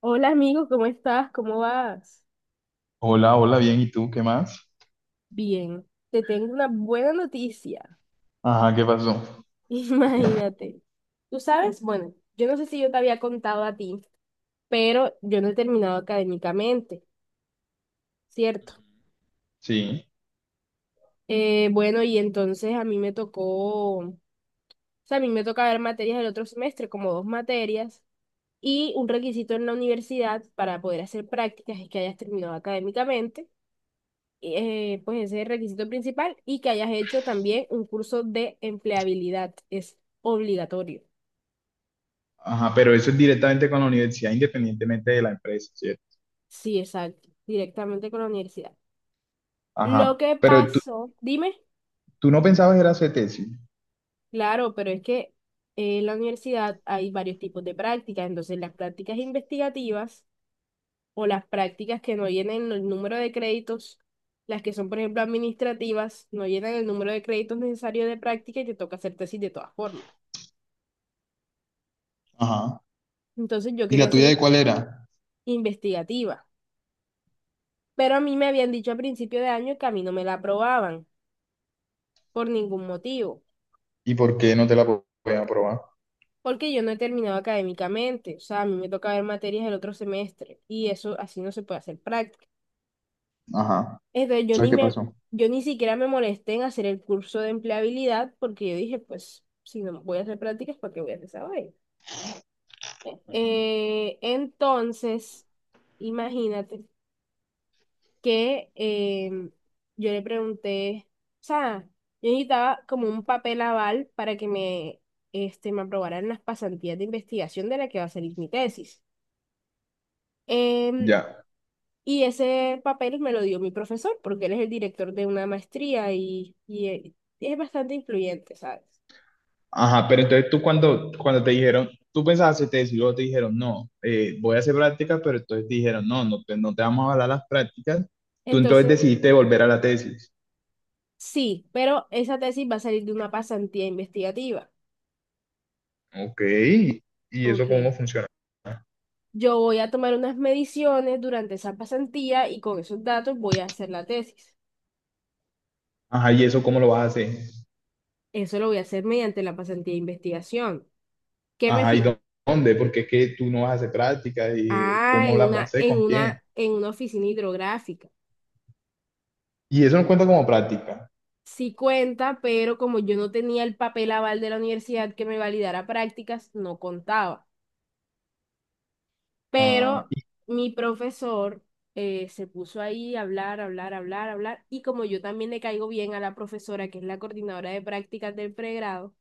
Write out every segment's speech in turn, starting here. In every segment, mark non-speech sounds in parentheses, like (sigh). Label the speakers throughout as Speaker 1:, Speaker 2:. Speaker 1: Hola amigo, ¿cómo estás? ¿Cómo vas?
Speaker 2: Hola, hola, bien, ¿y tú qué más?
Speaker 1: Bien, te tengo una buena noticia.
Speaker 2: Ajá, ¿qué pasó?
Speaker 1: (laughs) Imagínate. Tú sabes, bueno, yo no sé si yo te había contado a ti, pero yo no he terminado académicamente, ¿cierto?
Speaker 2: Sí,
Speaker 1: Bueno, y entonces a mí me tocó, o sea, a mí me toca ver materias del otro semestre, como dos materias, y un requisito en la universidad para poder hacer prácticas es que hayas terminado académicamente. Pues ese es el requisito principal y que hayas hecho también un curso de empleabilidad. Es obligatorio.
Speaker 2: ajá, pero eso es directamente con la universidad, independientemente de la empresa, ¿cierto?
Speaker 1: Sí, exacto. Directamente con la universidad. Lo
Speaker 2: Ajá,
Speaker 1: que
Speaker 2: pero tú,
Speaker 1: pasó, dime,
Speaker 2: tú no pensabas era hacer tesis.
Speaker 1: claro, pero es que en la universidad hay varios tipos de prácticas. Entonces, las prácticas investigativas o las prácticas que no llenen el número de créditos, las que son, por ejemplo, administrativas, no llenan el número de créditos necesarios de práctica y te toca hacer tesis de todas formas.
Speaker 2: Ajá,
Speaker 1: Entonces, yo
Speaker 2: ¿y
Speaker 1: quería
Speaker 2: la tuya
Speaker 1: hacer
Speaker 2: de cuál era?
Speaker 1: investigativa. Pero a mí me habían dicho a principio de año que a mí no me la aprobaban por ningún motivo,
Speaker 2: ¿Y por qué no te la podían aprobar?
Speaker 1: porque yo no he terminado académicamente, o sea, a mí me toca ver materias el otro semestre y eso así no se puede hacer práctica.
Speaker 2: Ajá,
Speaker 1: Entonces yo
Speaker 2: ¿sabes
Speaker 1: ni
Speaker 2: qué
Speaker 1: me,
Speaker 2: pasó?
Speaker 1: yo ni siquiera me molesté en hacer el curso de empleabilidad porque yo dije, pues si no voy a hacer prácticas, ¿para qué voy a hacer esa vaina?
Speaker 2: Ujú.
Speaker 1: Entonces, imagínate. que em, yo le pregunté, o sea, yo necesitaba como un papel aval para que me, este, me aprobaran las pasantías de investigación de la que va a salir mi tesis. Em,
Speaker 2: Ya,
Speaker 1: y ese papel me lo dio mi profesor, porque él es el director de una maestría y es bastante influyente, ¿sabes?
Speaker 2: ajá, pero entonces tú cuando, cuando te dijeron, tú pensabas hacer tesis, luego te dijeron, no, voy a hacer prácticas, pero entonces te dijeron, no, no te vamos a hablar las prácticas, tú entonces
Speaker 1: Entonces,
Speaker 2: decidiste volver a la tesis.
Speaker 1: sí, pero esa tesis va a salir de una pasantía investigativa.
Speaker 2: Ok, ¿y eso
Speaker 1: Ok.
Speaker 2: cómo funciona?
Speaker 1: Yo voy a tomar unas mediciones durante esa pasantía y con esos datos voy a hacer la tesis.
Speaker 2: Ajá, ¿y eso cómo lo vas a hacer?
Speaker 1: Eso lo voy a hacer mediante la pasantía de investigación. ¿Qué me
Speaker 2: Ajá, ¿y
Speaker 1: fi-
Speaker 2: dónde? Porque es que tú no vas a hacer prácticas y
Speaker 1: Ah,
Speaker 2: cómo las vas a hacer, con quién.
Speaker 1: en una oficina hidrográfica.
Speaker 2: Y eso no cuenta como práctica.
Speaker 1: Sí cuenta, pero como yo no tenía el papel aval de la universidad que me validara prácticas, no contaba.
Speaker 2: Ah,
Speaker 1: Pero mi profesor se puso ahí a hablar, hablar, hablar, hablar. Y como yo también le caigo bien a la profesora, que es la coordinadora de prácticas del pregrado,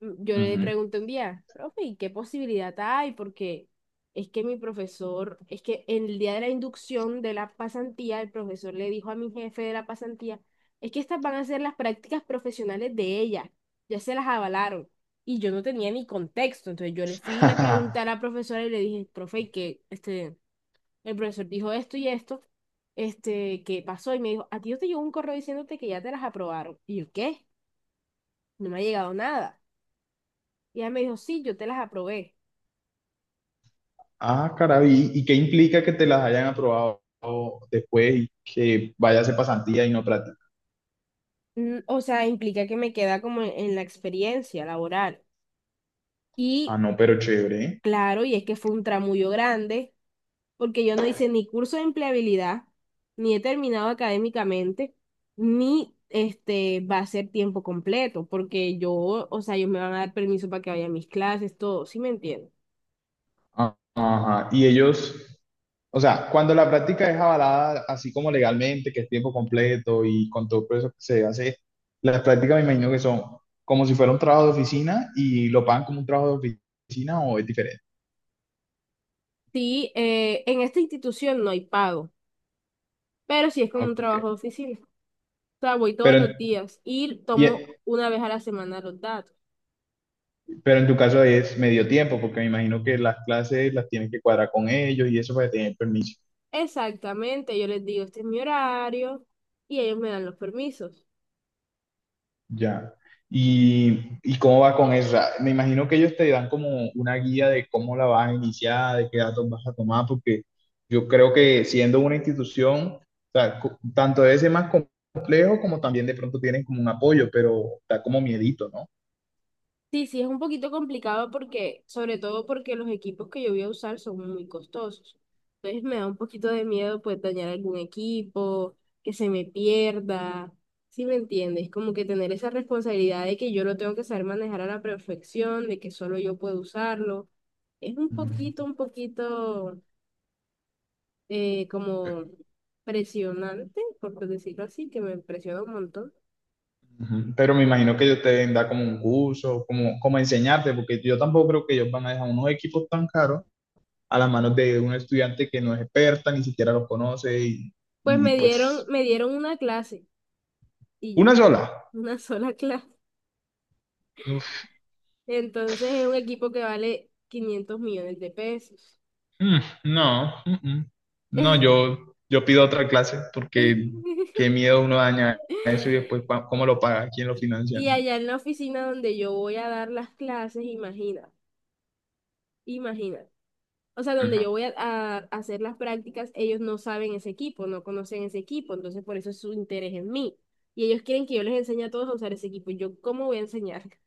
Speaker 1: yo le
Speaker 2: ujú.
Speaker 1: pregunté un día, profe, ¿y qué posibilidad hay? Porque es que mi profesor, es que en el día de la inducción de la pasantía, el profesor le dijo a mi jefe de la pasantía, es que estas van a ser las prácticas profesionales de ella, ya se las avalaron. Y yo no tenía ni contexto, entonces yo le fui y le pregunté a la
Speaker 2: (laughs)
Speaker 1: profesora y le dije, profe, ¿y que este, el profesor dijo esto y esto, este, ¿qué pasó? Y me dijo, a ti no te llegó un correo diciéndote que ya te las aprobaron. Y yo, ¿qué? No me ha llegado nada. Y ella me dijo, sí, yo te las aprobé.
Speaker 2: Ah, caray, ¿y qué implica que te las hayan aprobado después y que vayas a hacer pasantía y no práctica?
Speaker 1: Mm, o sea, implica que me queda como en la experiencia laboral. Y
Speaker 2: Ah, no, pero chévere.
Speaker 1: claro, y es que fue un tramullo grande, porque yo no hice ni curso de empleabilidad, ni he terminado académicamente, ni este va a ser tiempo completo, porque yo, o sea, ellos me van a dar permiso para que vaya a mis clases, todo, ¿sí me entiendes?
Speaker 2: Ajá. Y ellos, o sea, cuando la práctica es avalada así como legalmente, que es tiempo completo y con todo eso que se hace, las prácticas me imagino que son como si fuera un trabajo de oficina y lo pagan como un trabajo de oficina o es diferente.
Speaker 1: Sí, en esta institución no hay pago, pero sí es como un
Speaker 2: Ok.
Speaker 1: trabajo de oficina. O sea, voy todos
Speaker 2: Pero,
Speaker 1: los
Speaker 2: en-
Speaker 1: días y tomo
Speaker 2: y,
Speaker 1: una vez a la semana los datos.
Speaker 2: pero en tu caso es medio tiempo, porque me imagino que las clases las tienes que cuadrar con ellos y eso para tener permiso.
Speaker 1: Exactamente, yo les digo, este es mi horario y ellos me dan los permisos.
Speaker 2: Ya. ¿Y cómo va con esa? Me imagino que ellos te dan como una guía de cómo la vas a iniciar, de qué datos vas a tomar, porque yo creo que siendo una institución, o sea, tanto debe ser más complejo como también de pronto tienen como un apoyo, pero da como miedito, ¿no?
Speaker 1: Sí, sí, es un poquito complicado porque, sobre todo porque los equipos que yo voy a usar son muy costosos. Entonces me da un poquito de miedo pues dañar algún equipo, que se me pierda. ¿Sí me entiendes? Como que tener esa responsabilidad de que yo lo tengo que saber manejar a la perfección, de que solo yo puedo usarlo. Es
Speaker 2: Mm.
Speaker 1: un poquito como presionante, por decirlo así, que me presiona un montón.
Speaker 2: Ujú. Pero me imagino que ellos te deben dar como un curso, como, como enseñarte, porque yo tampoco creo que ellos van a dejar unos equipos tan caros a las manos de un estudiante que no es experta, ni siquiera los conoce y pues
Speaker 1: Me dieron una clase y
Speaker 2: una
Speaker 1: ya,
Speaker 2: sola.
Speaker 1: (laughs) una sola clase.
Speaker 2: Uf,
Speaker 1: Entonces es un equipo que vale 500 millones de pesos.
Speaker 2: mm, no, mm, mm. No,
Speaker 1: (laughs)
Speaker 2: yo pido otra clase porque qué miedo uno daña eso y después cómo lo paga, quién lo financia,
Speaker 1: Y
Speaker 2: ¿no?
Speaker 1: allá en la oficina donde yo voy a dar las clases, imagina, imagina. O sea, donde yo
Speaker 2: Ajá.
Speaker 1: voy a hacer las prácticas, ellos no saben ese equipo, no conocen ese equipo, entonces por eso es su interés en mí. Y ellos quieren que yo les enseñe a todos a usar ese equipo. ¿Yo cómo voy a enseñar? (laughs)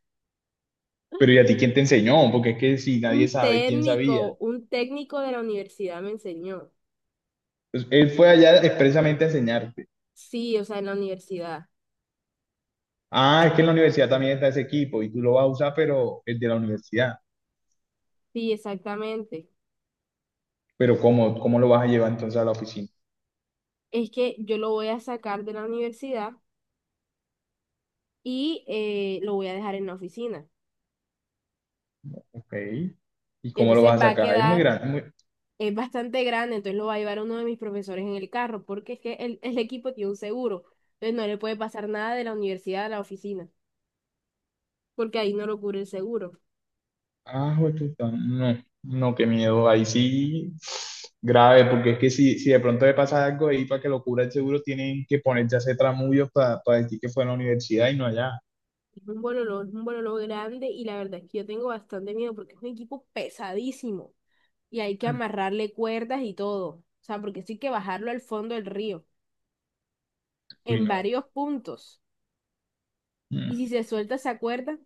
Speaker 2: Pero ¿y a ti quién te enseñó? Porque es que si nadie sabe, ¿quién sabía?
Speaker 1: Un técnico de la universidad me enseñó.
Speaker 2: Pues, él fue allá expresamente a enseñarte.
Speaker 1: Sí, o sea, en la universidad.
Speaker 2: Ah, es que en la universidad también está ese equipo y tú lo vas a usar, pero el de la universidad.
Speaker 1: Sí, exactamente.
Speaker 2: Pero ¿cómo lo vas a llevar entonces a la oficina?
Speaker 1: Es que yo lo voy a sacar de la universidad y lo voy a dejar en la oficina.
Speaker 2: Ok. ¿Y cómo lo
Speaker 1: Entonces
Speaker 2: vas
Speaker 1: va
Speaker 2: a
Speaker 1: a
Speaker 2: sacar? Es muy
Speaker 1: quedar,
Speaker 2: grande.
Speaker 1: es bastante grande, entonces lo va a llevar uno de mis profesores en el carro, porque es que el equipo tiene un seguro. Entonces no le puede pasar nada de la universidad a la oficina, porque ahí no lo cubre el seguro.
Speaker 2: Ah, jue puta, no, no, qué miedo. Ahí sí, grave, porque es que si de pronto le pasa algo ahí para que lo cubra el seguro, tienen que ponerse a hacer tramullos para decir que fue a la universidad y no allá.
Speaker 1: Es un bololo grande y la verdad es que yo tengo bastante miedo porque es un equipo pesadísimo y hay que
Speaker 2: Mm.
Speaker 1: amarrarle cuerdas y todo. O sea, porque sí hay que bajarlo al fondo del río
Speaker 2: Uy,
Speaker 1: en
Speaker 2: no.
Speaker 1: varios puntos. Y
Speaker 2: Mm.
Speaker 1: si se suelta esa cuerda,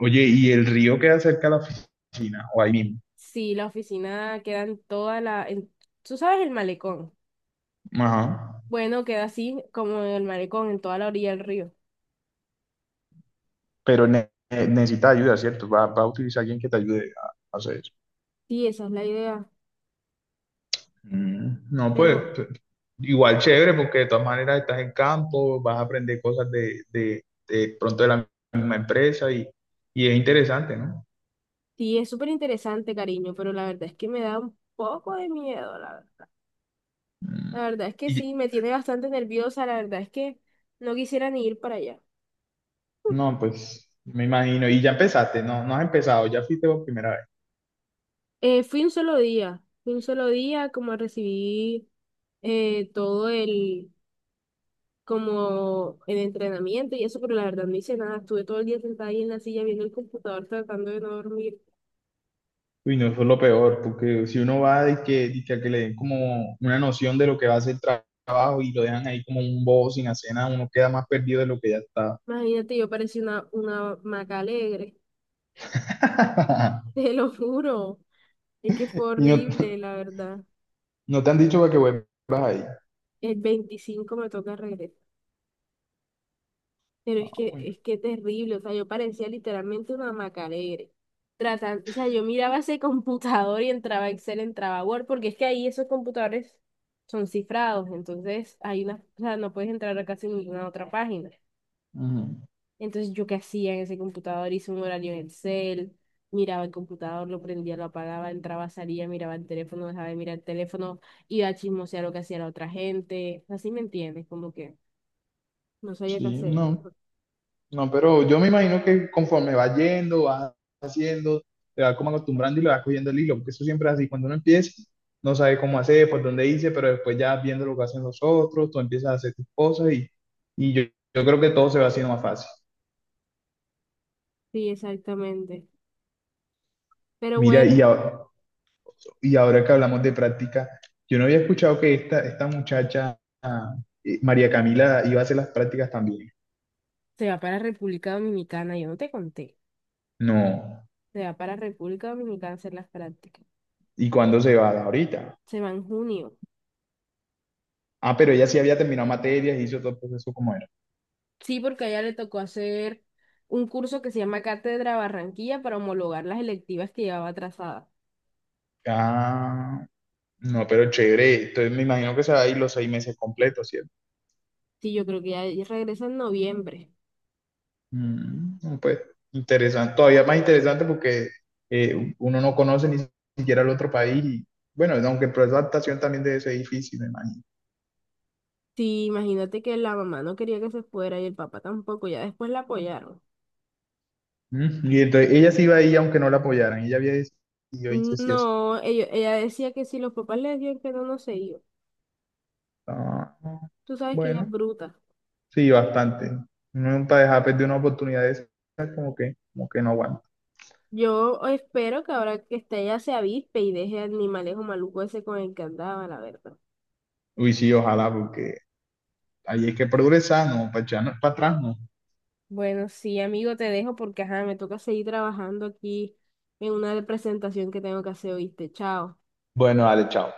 Speaker 2: Oye, ¿y el río queda cerca de la oficina o ahí mismo?
Speaker 1: si la oficina queda en toda la... tú sabes, el malecón.
Speaker 2: Ajá.
Speaker 1: Bueno, queda así como el malecón en toda la orilla del río.
Speaker 2: Pero necesita ayuda, ¿cierto? Va a utilizar alguien que te ayude a hacer eso.
Speaker 1: Sí, esa es la idea.
Speaker 2: Mm, no, pues
Speaker 1: Pero
Speaker 2: igual chévere porque de todas maneras estás en campo, vas a aprender cosas de, de pronto de la misma empresa y es interesante, ¿no?
Speaker 1: sí, es súper interesante, cariño, pero la verdad es que me da un poco de miedo, la verdad.
Speaker 2: Mm,
Speaker 1: La verdad es que
Speaker 2: y
Speaker 1: sí, me tiene bastante nerviosa, la verdad es que no quisiera ni ir para allá.
Speaker 2: no, pues me imagino, y ya empezaste, no, no has empezado, ya fuiste por primera vez.
Speaker 1: Fui un solo día, fui un solo día, como recibí todo el como en entrenamiento y eso, pero la verdad no hice nada. Estuve todo el día sentada ahí en la silla viendo el computador tratando de no dormir.
Speaker 2: Uy, no, eso es lo peor, porque si uno va de que a que le den como una noción de lo que va a ser el trabajo y lo dejan ahí como un bobo sin hacer nada, uno queda más perdido de lo que ya está.
Speaker 1: Imagínate, yo parecía una maca alegre, (laughs)
Speaker 2: (laughs)
Speaker 1: te lo juro. Es que fue
Speaker 2: Y no,
Speaker 1: horrible, la verdad.
Speaker 2: no te han dicho para que vuelvas ahí.
Speaker 1: El 25 me toca regresar. Pero
Speaker 2: Ah,
Speaker 1: es que terrible, o sea, yo parecía literalmente una maca alegre. Tratando, o sea, yo miraba ese computador y entraba Excel, entraba Word, porque es que ahí esos computadores son cifrados, entonces hay una, o sea, no puedes entrar a casi ninguna otra página.
Speaker 2: ujú.
Speaker 1: Entonces, ¿yo qué hacía en ese computador? Hice un horario en Excel, miraba el computador, lo prendía, lo apagaba, entraba, salía, miraba el teléfono, dejaba de mirar el teléfono, iba a chismosear lo que hacía la otra gente. Así me entiendes, como que no sabía qué
Speaker 2: Sí,
Speaker 1: hacer.
Speaker 2: no, no, pero yo me imagino que conforme va yendo, va haciendo, te va como acostumbrando y le va cogiendo el hilo, porque eso siempre es así, cuando uno empieza, no sabe cómo hacer, por dónde irse, pero después ya viendo lo que hacen los otros, tú empiezas a hacer tus cosas y yo creo que todo se va haciendo más fácil.
Speaker 1: Sí, exactamente. Pero
Speaker 2: Mira,
Speaker 1: bueno,
Speaker 2: y ahora que hablamos de práctica, yo no había escuchado que esta muchacha, ah, María Camila, iba a hacer las prácticas también.
Speaker 1: se va para República Dominicana, yo no te conté.
Speaker 2: No,
Speaker 1: Se va para República Dominicana a hacer las prácticas.
Speaker 2: ¿y cuándo se va? Ahorita.
Speaker 1: Se va en junio.
Speaker 2: Ah, pero ella sí había terminado materias y hizo todo el proceso como era.
Speaker 1: Sí, porque a ella le tocó hacer un curso que se llama Cátedra Barranquilla para homologar las electivas que llevaba atrasadas.
Speaker 2: Ah, no, pero chévere. Entonces me imagino que se va a ir los 6 meses completos, ¿cierto?
Speaker 1: Sí, yo creo que ya regresa en noviembre.
Speaker 2: Mm, no, pues interesante. Todavía más interesante porque uno no conoce ni siquiera el otro país. Y, bueno, aunque el proceso de adaptación también debe ser difícil, me imagino.
Speaker 1: Sí, imagínate que la mamá no quería que se fuera y el papá tampoco, ya después la apoyaron.
Speaker 2: Mm, y entonces ella sí iba ahí aunque no la apoyaran. Ella había decidido irse sí o sí.
Speaker 1: No, ella decía que si los papás le decían que no, no se iba.
Speaker 2: Ah,
Speaker 1: Tú sabes que ella es
Speaker 2: bueno,
Speaker 1: bruta.
Speaker 2: sí, bastante. Uno para dejar perder una oportunidad de esa, como que no aguanta.
Speaker 1: Yo espero que ahora que está ella se avispe y deje al animalejo maluco ese con el que andaba, la verdad.
Speaker 2: Uy, sí, ojalá, porque ahí hay que progresar, no, para echarnos para atrás, no.
Speaker 1: Bueno, sí, amigo, te dejo porque ajá, me toca seguir trabajando aquí en una presentación que tengo que hacer, ¿oíste? Chao.
Speaker 2: Bueno, dale, chao.